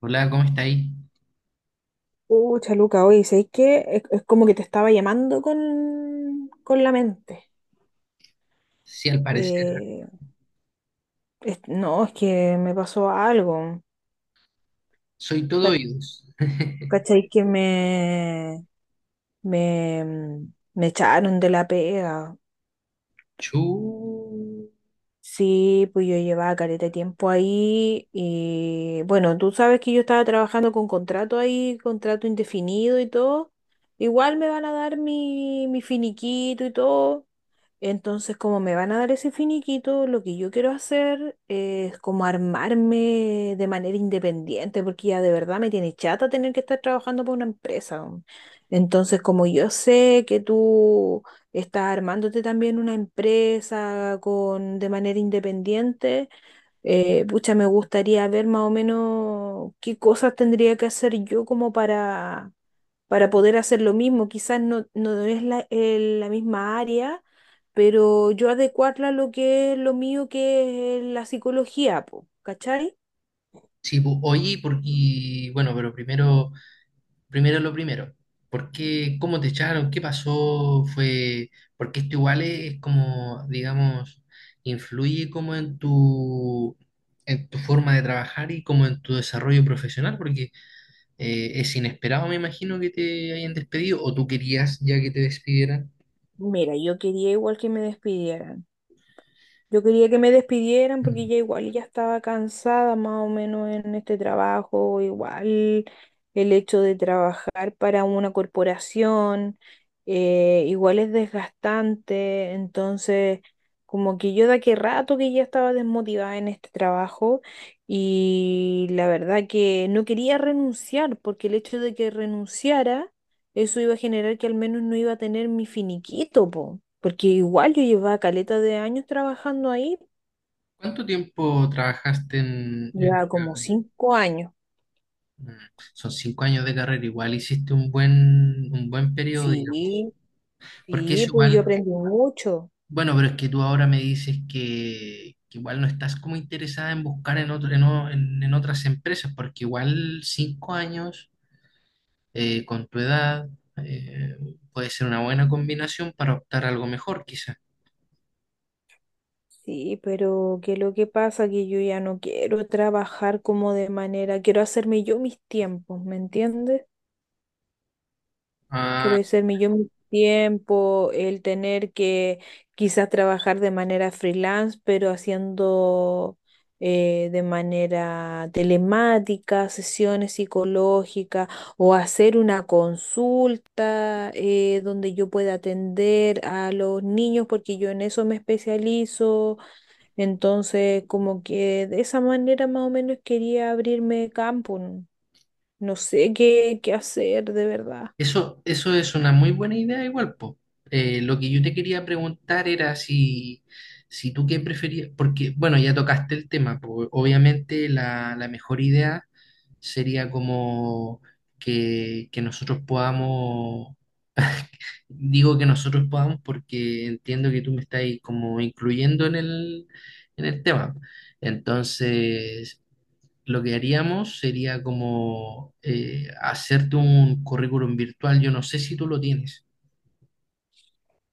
Hola, ¿cómo está ahí? Pucha, Luca, oye, ¿sabéis qué? Es como que te estaba llamando con la mente. Sí, al parecer. ¿Ah? Eh, no, es que me pasó algo. Soy todo Ca- oídos. ¿Cachai? Que me, me echaron de la pega. Chu. Sí, pues yo llevaba careta de tiempo ahí y bueno, tú sabes que yo estaba trabajando con contrato ahí, contrato indefinido y todo. Igual me van a dar mi finiquito y todo. Entonces, como me van a dar ese finiquito, lo que yo quiero hacer es como armarme de manera independiente, porque ya de verdad me tiene chata tener que estar trabajando para una empresa, weón. Entonces, como yo sé que tú estás armándote también una empresa de manera independiente, pucha, me gustaría ver más o menos qué cosas tendría que hacer yo como para poder hacer lo mismo. Quizás no es la misma área, pero yo adecuarla a lo que es lo mío, que es la psicología, po, ¿cachai? Sí, pu- oye, porque, bueno, pero primero, primero lo primero. ¿Por qué, cómo te echaron? ¿Qué pasó? Fue, porque esto igual es como, digamos, influye como en en tu forma de trabajar y como en tu desarrollo profesional, porque es inesperado, me imagino, que te hayan despedido, o tú querías ya que te despidieran. Mira, yo quería igual que me despidieran. Yo quería que me despidieran porque ya igual ya estaba cansada más o menos en este trabajo, igual el hecho de trabajar para una corporación, igual es desgastante, entonces como que yo de aquel rato que ya estaba desmotivada en este trabajo y la verdad que no quería renunciar porque el hecho de que renunciara eso iba a generar que al menos no iba a tener mi finiquito, po, porque igual yo llevaba caleta de años trabajando ahí, ¿Cuánto tiempo trabajaste en ya como esta- 5 años. mm, son cinco años de carrera, igual hiciste un un buen periodo, digamos. Sí, Porque es sí, pues yo igual, aprendí mucho. bueno, pero es que tú ahora me dices que igual no estás como interesada en buscar en otro, en, o- en- en otras empresas, porque igual 5 años con tu edad, eh, puede ser una buena combinación para optar a algo mejor, quizá. Sí, pero que lo que pasa que yo ya no quiero trabajar como de manera, quiero hacerme yo mis tiempos, ¿me entiendes? Quiero decirme yo mi tiempo, el tener que quizás trabajar de manera freelance, pero haciendo, de manera telemática, sesiones psicológicas o hacer una consulta, donde yo pueda atender a los niños, porque yo en eso me especializo. Entonces, como que de esa manera más o menos quería abrirme campo. No No sé qué hacer de verdad. Eso es una muy buena idea igual, po. Lo que yo te quería preguntar era si, si tú qué preferías, porque, bueno, ya tocaste el tema, po. Obviamente la mejor idea sería como que nosotros podamos, digo que nosotros podamos porque entiendo que tú me estás ahí como incluyendo en en el tema. Entonces, lo que haríamos sería como hacerte un currículum virtual. Yo no sé si tú lo tienes.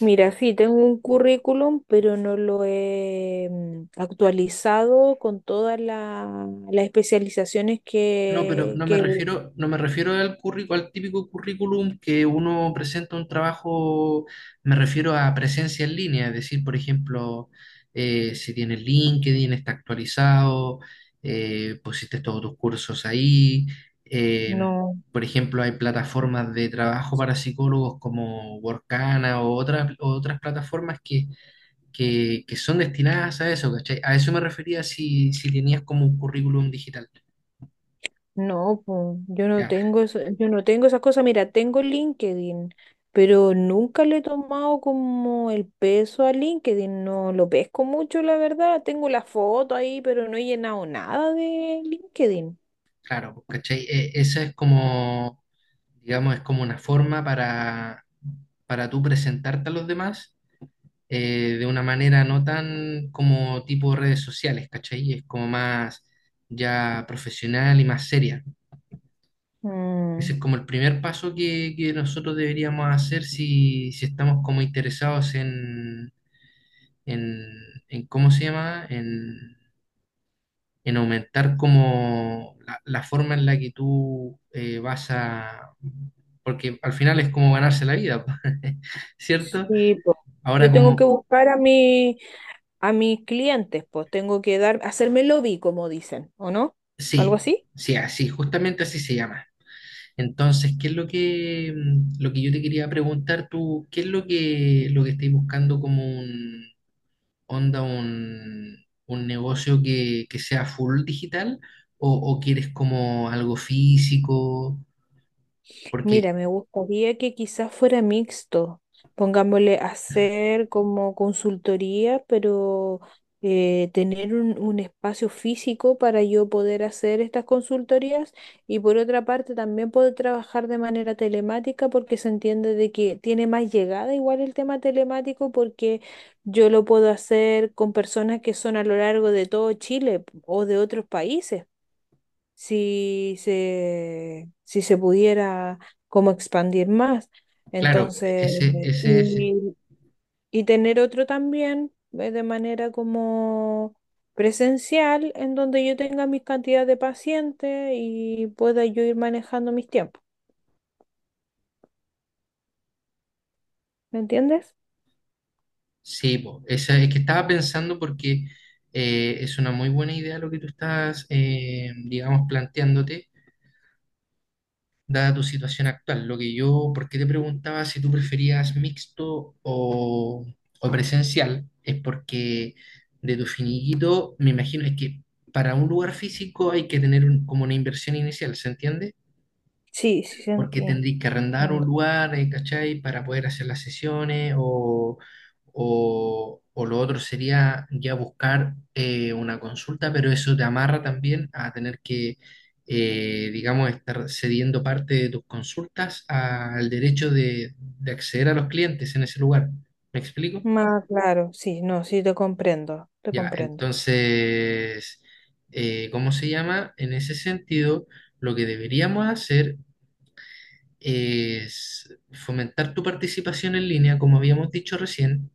Mira, sí, tengo un currículum, pero no lo he actualizado con todas las especializaciones No, pero que, no me que refiero, no me refiero al currícu- al típico currículum que uno presenta un trabajo, me refiero a presencia en línea, es decir, por ejemplo, si tienes LinkedIn, está actualizado, pusiste todos tus cursos ahí, eh, No, por ejemplo, hay plataformas de trabajo para psicólogos como Workana o otras plataformas que son destinadas a eso, ¿cachai? A eso me refería si, si tenías como un currículum digital. no, po, yo no Ya, tengo eso, yo no tengo esas cosas. Mira, tengo LinkedIn, pero nunca le he tomado como el peso a LinkedIn, no lo pesco mucho, la verdad. Tengo la foto ahí, pero no he llenado nada de LinkedIn. claro, ¿cachai? E- esa es como, digamos, es como una forma para tú presentarte a los demás, de una manera no tan como tipo redes sociales, ¿cachai? Es como más ya profesional y más seria. Ese Mm, es como el primer paso que nosotros deberíamos hacer si, si estamos como interesados en, en ¿cómo se llama? En aumentar como la forma en la que tú vas a... Porque al final es como ganarse la vida, ¿cierto? sí, po. Yo Ahora tengo que como... buscar a mi a mis clientes, pues tengo que dar, hacerme lobby, como dicen, ¿o no? ¿Algo Sí, así? sí, así, justamente así se llama. Entonces, ¿qué es lo que, lo que yo te quería preguntar tú? ¿Qué es lo que estáis buscando como un onda, un negocio que sea full digital? O quieres como algo físico? Porque, Mira, me gustaría que quizás fuera mixto. Pongámosle hacer como consultoría, pero, tener un espacio físico para yo poder hacer estas consultorías y por otra parte también poder trabajar de manera telemática porque se entiende de que tiene más llegada igual el tema telemático porque yo lo puedo hacer con personas que son a lo largo de todo Chile o de otros países si se pudiera como expandir más. claro, Entonces, ese, eh, ese es y, y tener otro también, de manera como presencial, en donde yo tenga mis cantidades de pacientes y pueda yo ir manejando mis tiempos. ¿Me entiendes? sí, po, esa, es que estaba pensando porque es una muy buena idea lo que tú estás, digamos, planteándote, dada tu situación actual. Lo que yo, ¿por qué te preguntaba si tú preferías mixto o presencial? Es porque de tu finiquito, me imagino, es que para un lugar físico hay que tener un- como una inversión inicial, ¿se entiende? Sí, sí, Porque sentí. tendréis que arrendar un Entiendo. lugar, ¿cachai? Para poder hacer las sesiones o lo otro sería ya buscar una consulta, pero eso te amarra también a tener que, digamos, estar cediendo parte de tus consultas al derecho de acceder a los clientes en ese lugar. ¿Me explico? Más claro, sí, no, sí, te comprendo, te Ya, comprendo. entonces, ¿cómo se llama? En ese sentido, lo que deberíamos hacer es fomentar tu participación en línea, como habíamos dicho recién.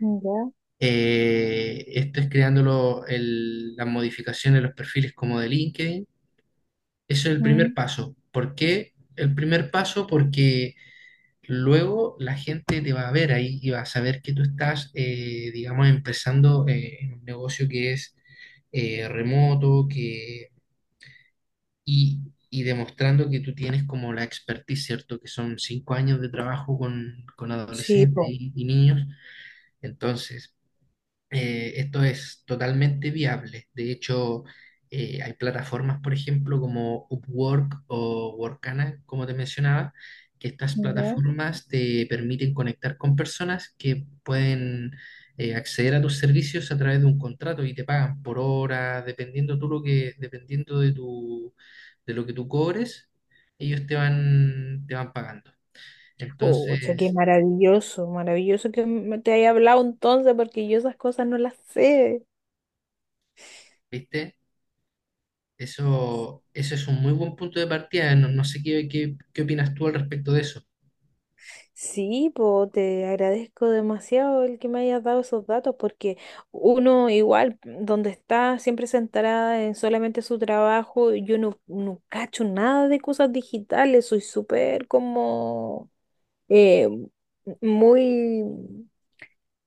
Ya. Esto es creando lo- el- las modificaciones, los perfiles como de LinkedIn. Eso es el primer Mm, paso. ¿Por qué el primer paso? Porque luego la gente te va a ver ahí y va a saber que tú estás, digamos, empezando en un negocio que es remoto, que y demostrando que tú tienes como la expertise, ¿cierto? Que son 5 años de trabajo con sí, adolescentes po. Y niños. Entonces, esto es totalmente viable. De hecho, hay plataformas, por ejemplo, como Upwork o Workana, como te mencionaba, que estas Ya. plataformas te permiten conectar con personas que pueden acceder a tus servicios a través de un contrato y te pagan por hora, dependiendo tú lo que, dependiendo de tu, de lo que tú cobres, ellos te van pagando. Pucha, qué Entonces, maravilloso, maravilloso que me te haya hablado entonces, porque yo esas cosas no las sé. ¿viste? Eso es un muy buen punto de partida. No, no sé qué, qué, qué opinas tú al respecto de eso. Sí, po, te agradezco demasiado el que me hayas dado esos datos, porque uno igual, donde está siempre centrada en solamente su trabajo, yo no cacho nada de cosas digitales, soy súper como, eh, muy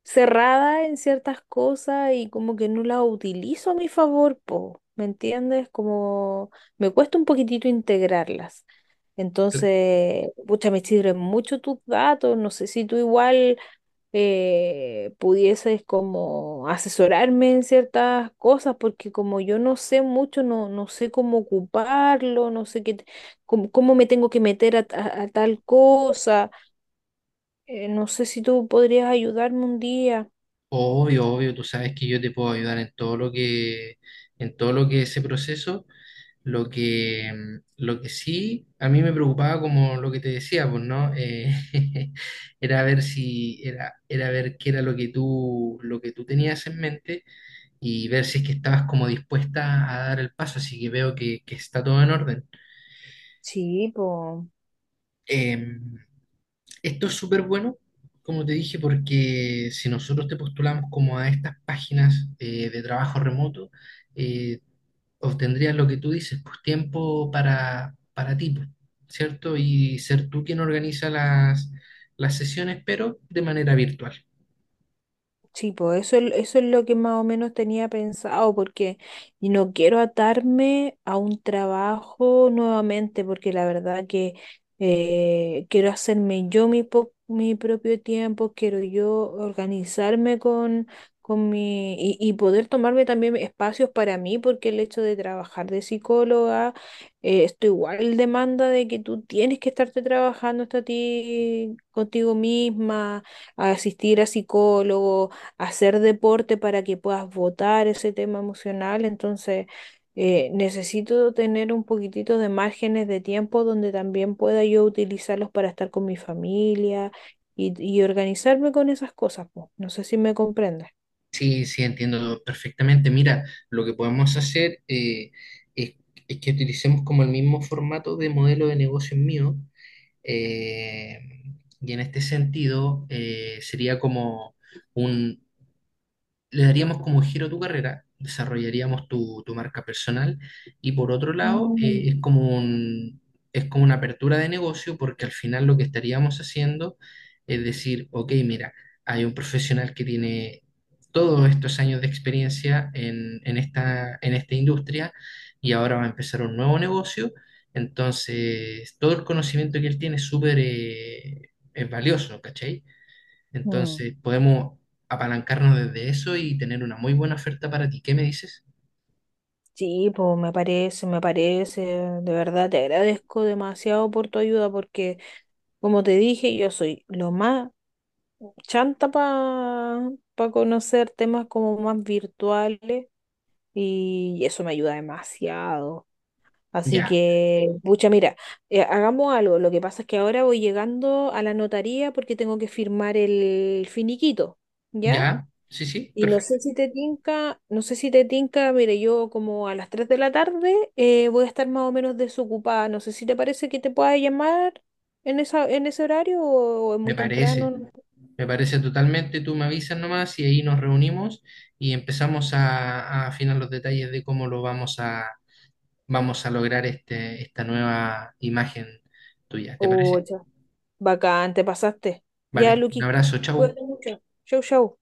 cerrada en ciertas cosas y como que no la utilizo a mi favor, po, ¿me entiendes? Como me cuesta un poquitito integrarlas. Cla- Entonces, pucha, me sirven mucho tus datos, no sé si tú igual, pudieses como asesorarme en ciertas cosas, porque como yo no sé mucho, no sé cómo ocuparlo, no sé qué, cómo me tengo que meter a tal cosa, no sé si tú podrías ayudarme un día. obvio, obvio, tú sabes que yo te puedo ayudar en todo lo que, en todo lo que ese proceso. Lo que, lo que sí a mí me preocupaba, como lo que te decía, pues, ¿no? Era ver si, era, era ver qué era lo que tú tenías en mente y ver si es que estabas como dispuesta a dar el paso. Así que veo que está todo en orden. Sí, po. Em, Esto es súper bueno, como te dije, porque si nosotros te postulamos como a estas páginas de trabajo remoto, eh, obtendrías lo que tú dices, pues tiempo para ti, pues, ¿cierto? Y ser tú quien organiza las sesiones, pero de manera virtual. Sí, pues eso, eso es lo que más o menos tenía pensado, porque no quiero atarme a un trabajo nuevamente, porque la verdad que, quiero hacerme yo mi propio tiempo, quiero yo organizarme con mi y poder tomarme también espacios para mí, porque el hecho de trabajar de psicóloga, esto igual demanda de que tú tienes que estarte trabajando hasta ti, contigo misma, asistir a psicólogos hacer deporte para que puedas votar ese tema emocional. Entonces, necesito tener un poquitito de márgenes de tiempo donde también pueda yo utilizarlos para estar con mi familia y organizarme con esas cosas, po. No sé si me comprendes. Sí, sí, entiendo perfectamente. Mira, lo que podemos hacer es, es que utilicemos como el mismo formato de modelo de negocio mío. Eh, y en este sentido, sería como un, le daríamos como giro a tu carrera, desarrollaríamos tu, tu marca personal y por otro lado Mm, es como un- es como una apertura de negocio porque al final lo que estaríamos haciendo es decir, ok, mira, hay un profesional que tiene todos estos años de experiencia en esta industria y ahora va a empezar un nuevo negocio, entonces todo el conocimiento que él tiene es súper... es valioso, ¿cachai? mm. Entonces, podemos apalancarnos desde eso y tener una muy buena oferta para ti. ¿Qué me dices? Sí, pues me parece, de verdad te agradezco demasiado por tu ayuda porque, como te dije, yo soy lo más chanta para conocer temas como más virtuales. Y eso me ayuda demasiado. Así Ya, que, pucha, mira, hagamos algo. Lo que pasa es que ahora voy llegando a la notaría porque tengo que firmar el finiquito, ¿ya? ya, sí, sí, Y no perfecto. sé si te tinca, no sé si te tinca, mire, yo como a las 3 de la tarde, voy a estar más o menos desocupada. No sé si te parece que te pueda llamar en ese horario o, es Me muy temprano. parece, No sé. me parece totalmente. Tú me avisas nomás y ahí nos reunimos y empezamos a afinar los detalles de cómo lo vamos a, vamos a lograr este, esta nueva imagen tuya. ¿Te Oh, parece? ya. Bacán, te pasaste. Ya, Vale, un Luqui, abrazo, chau. cuídate mucho. Chau, chau.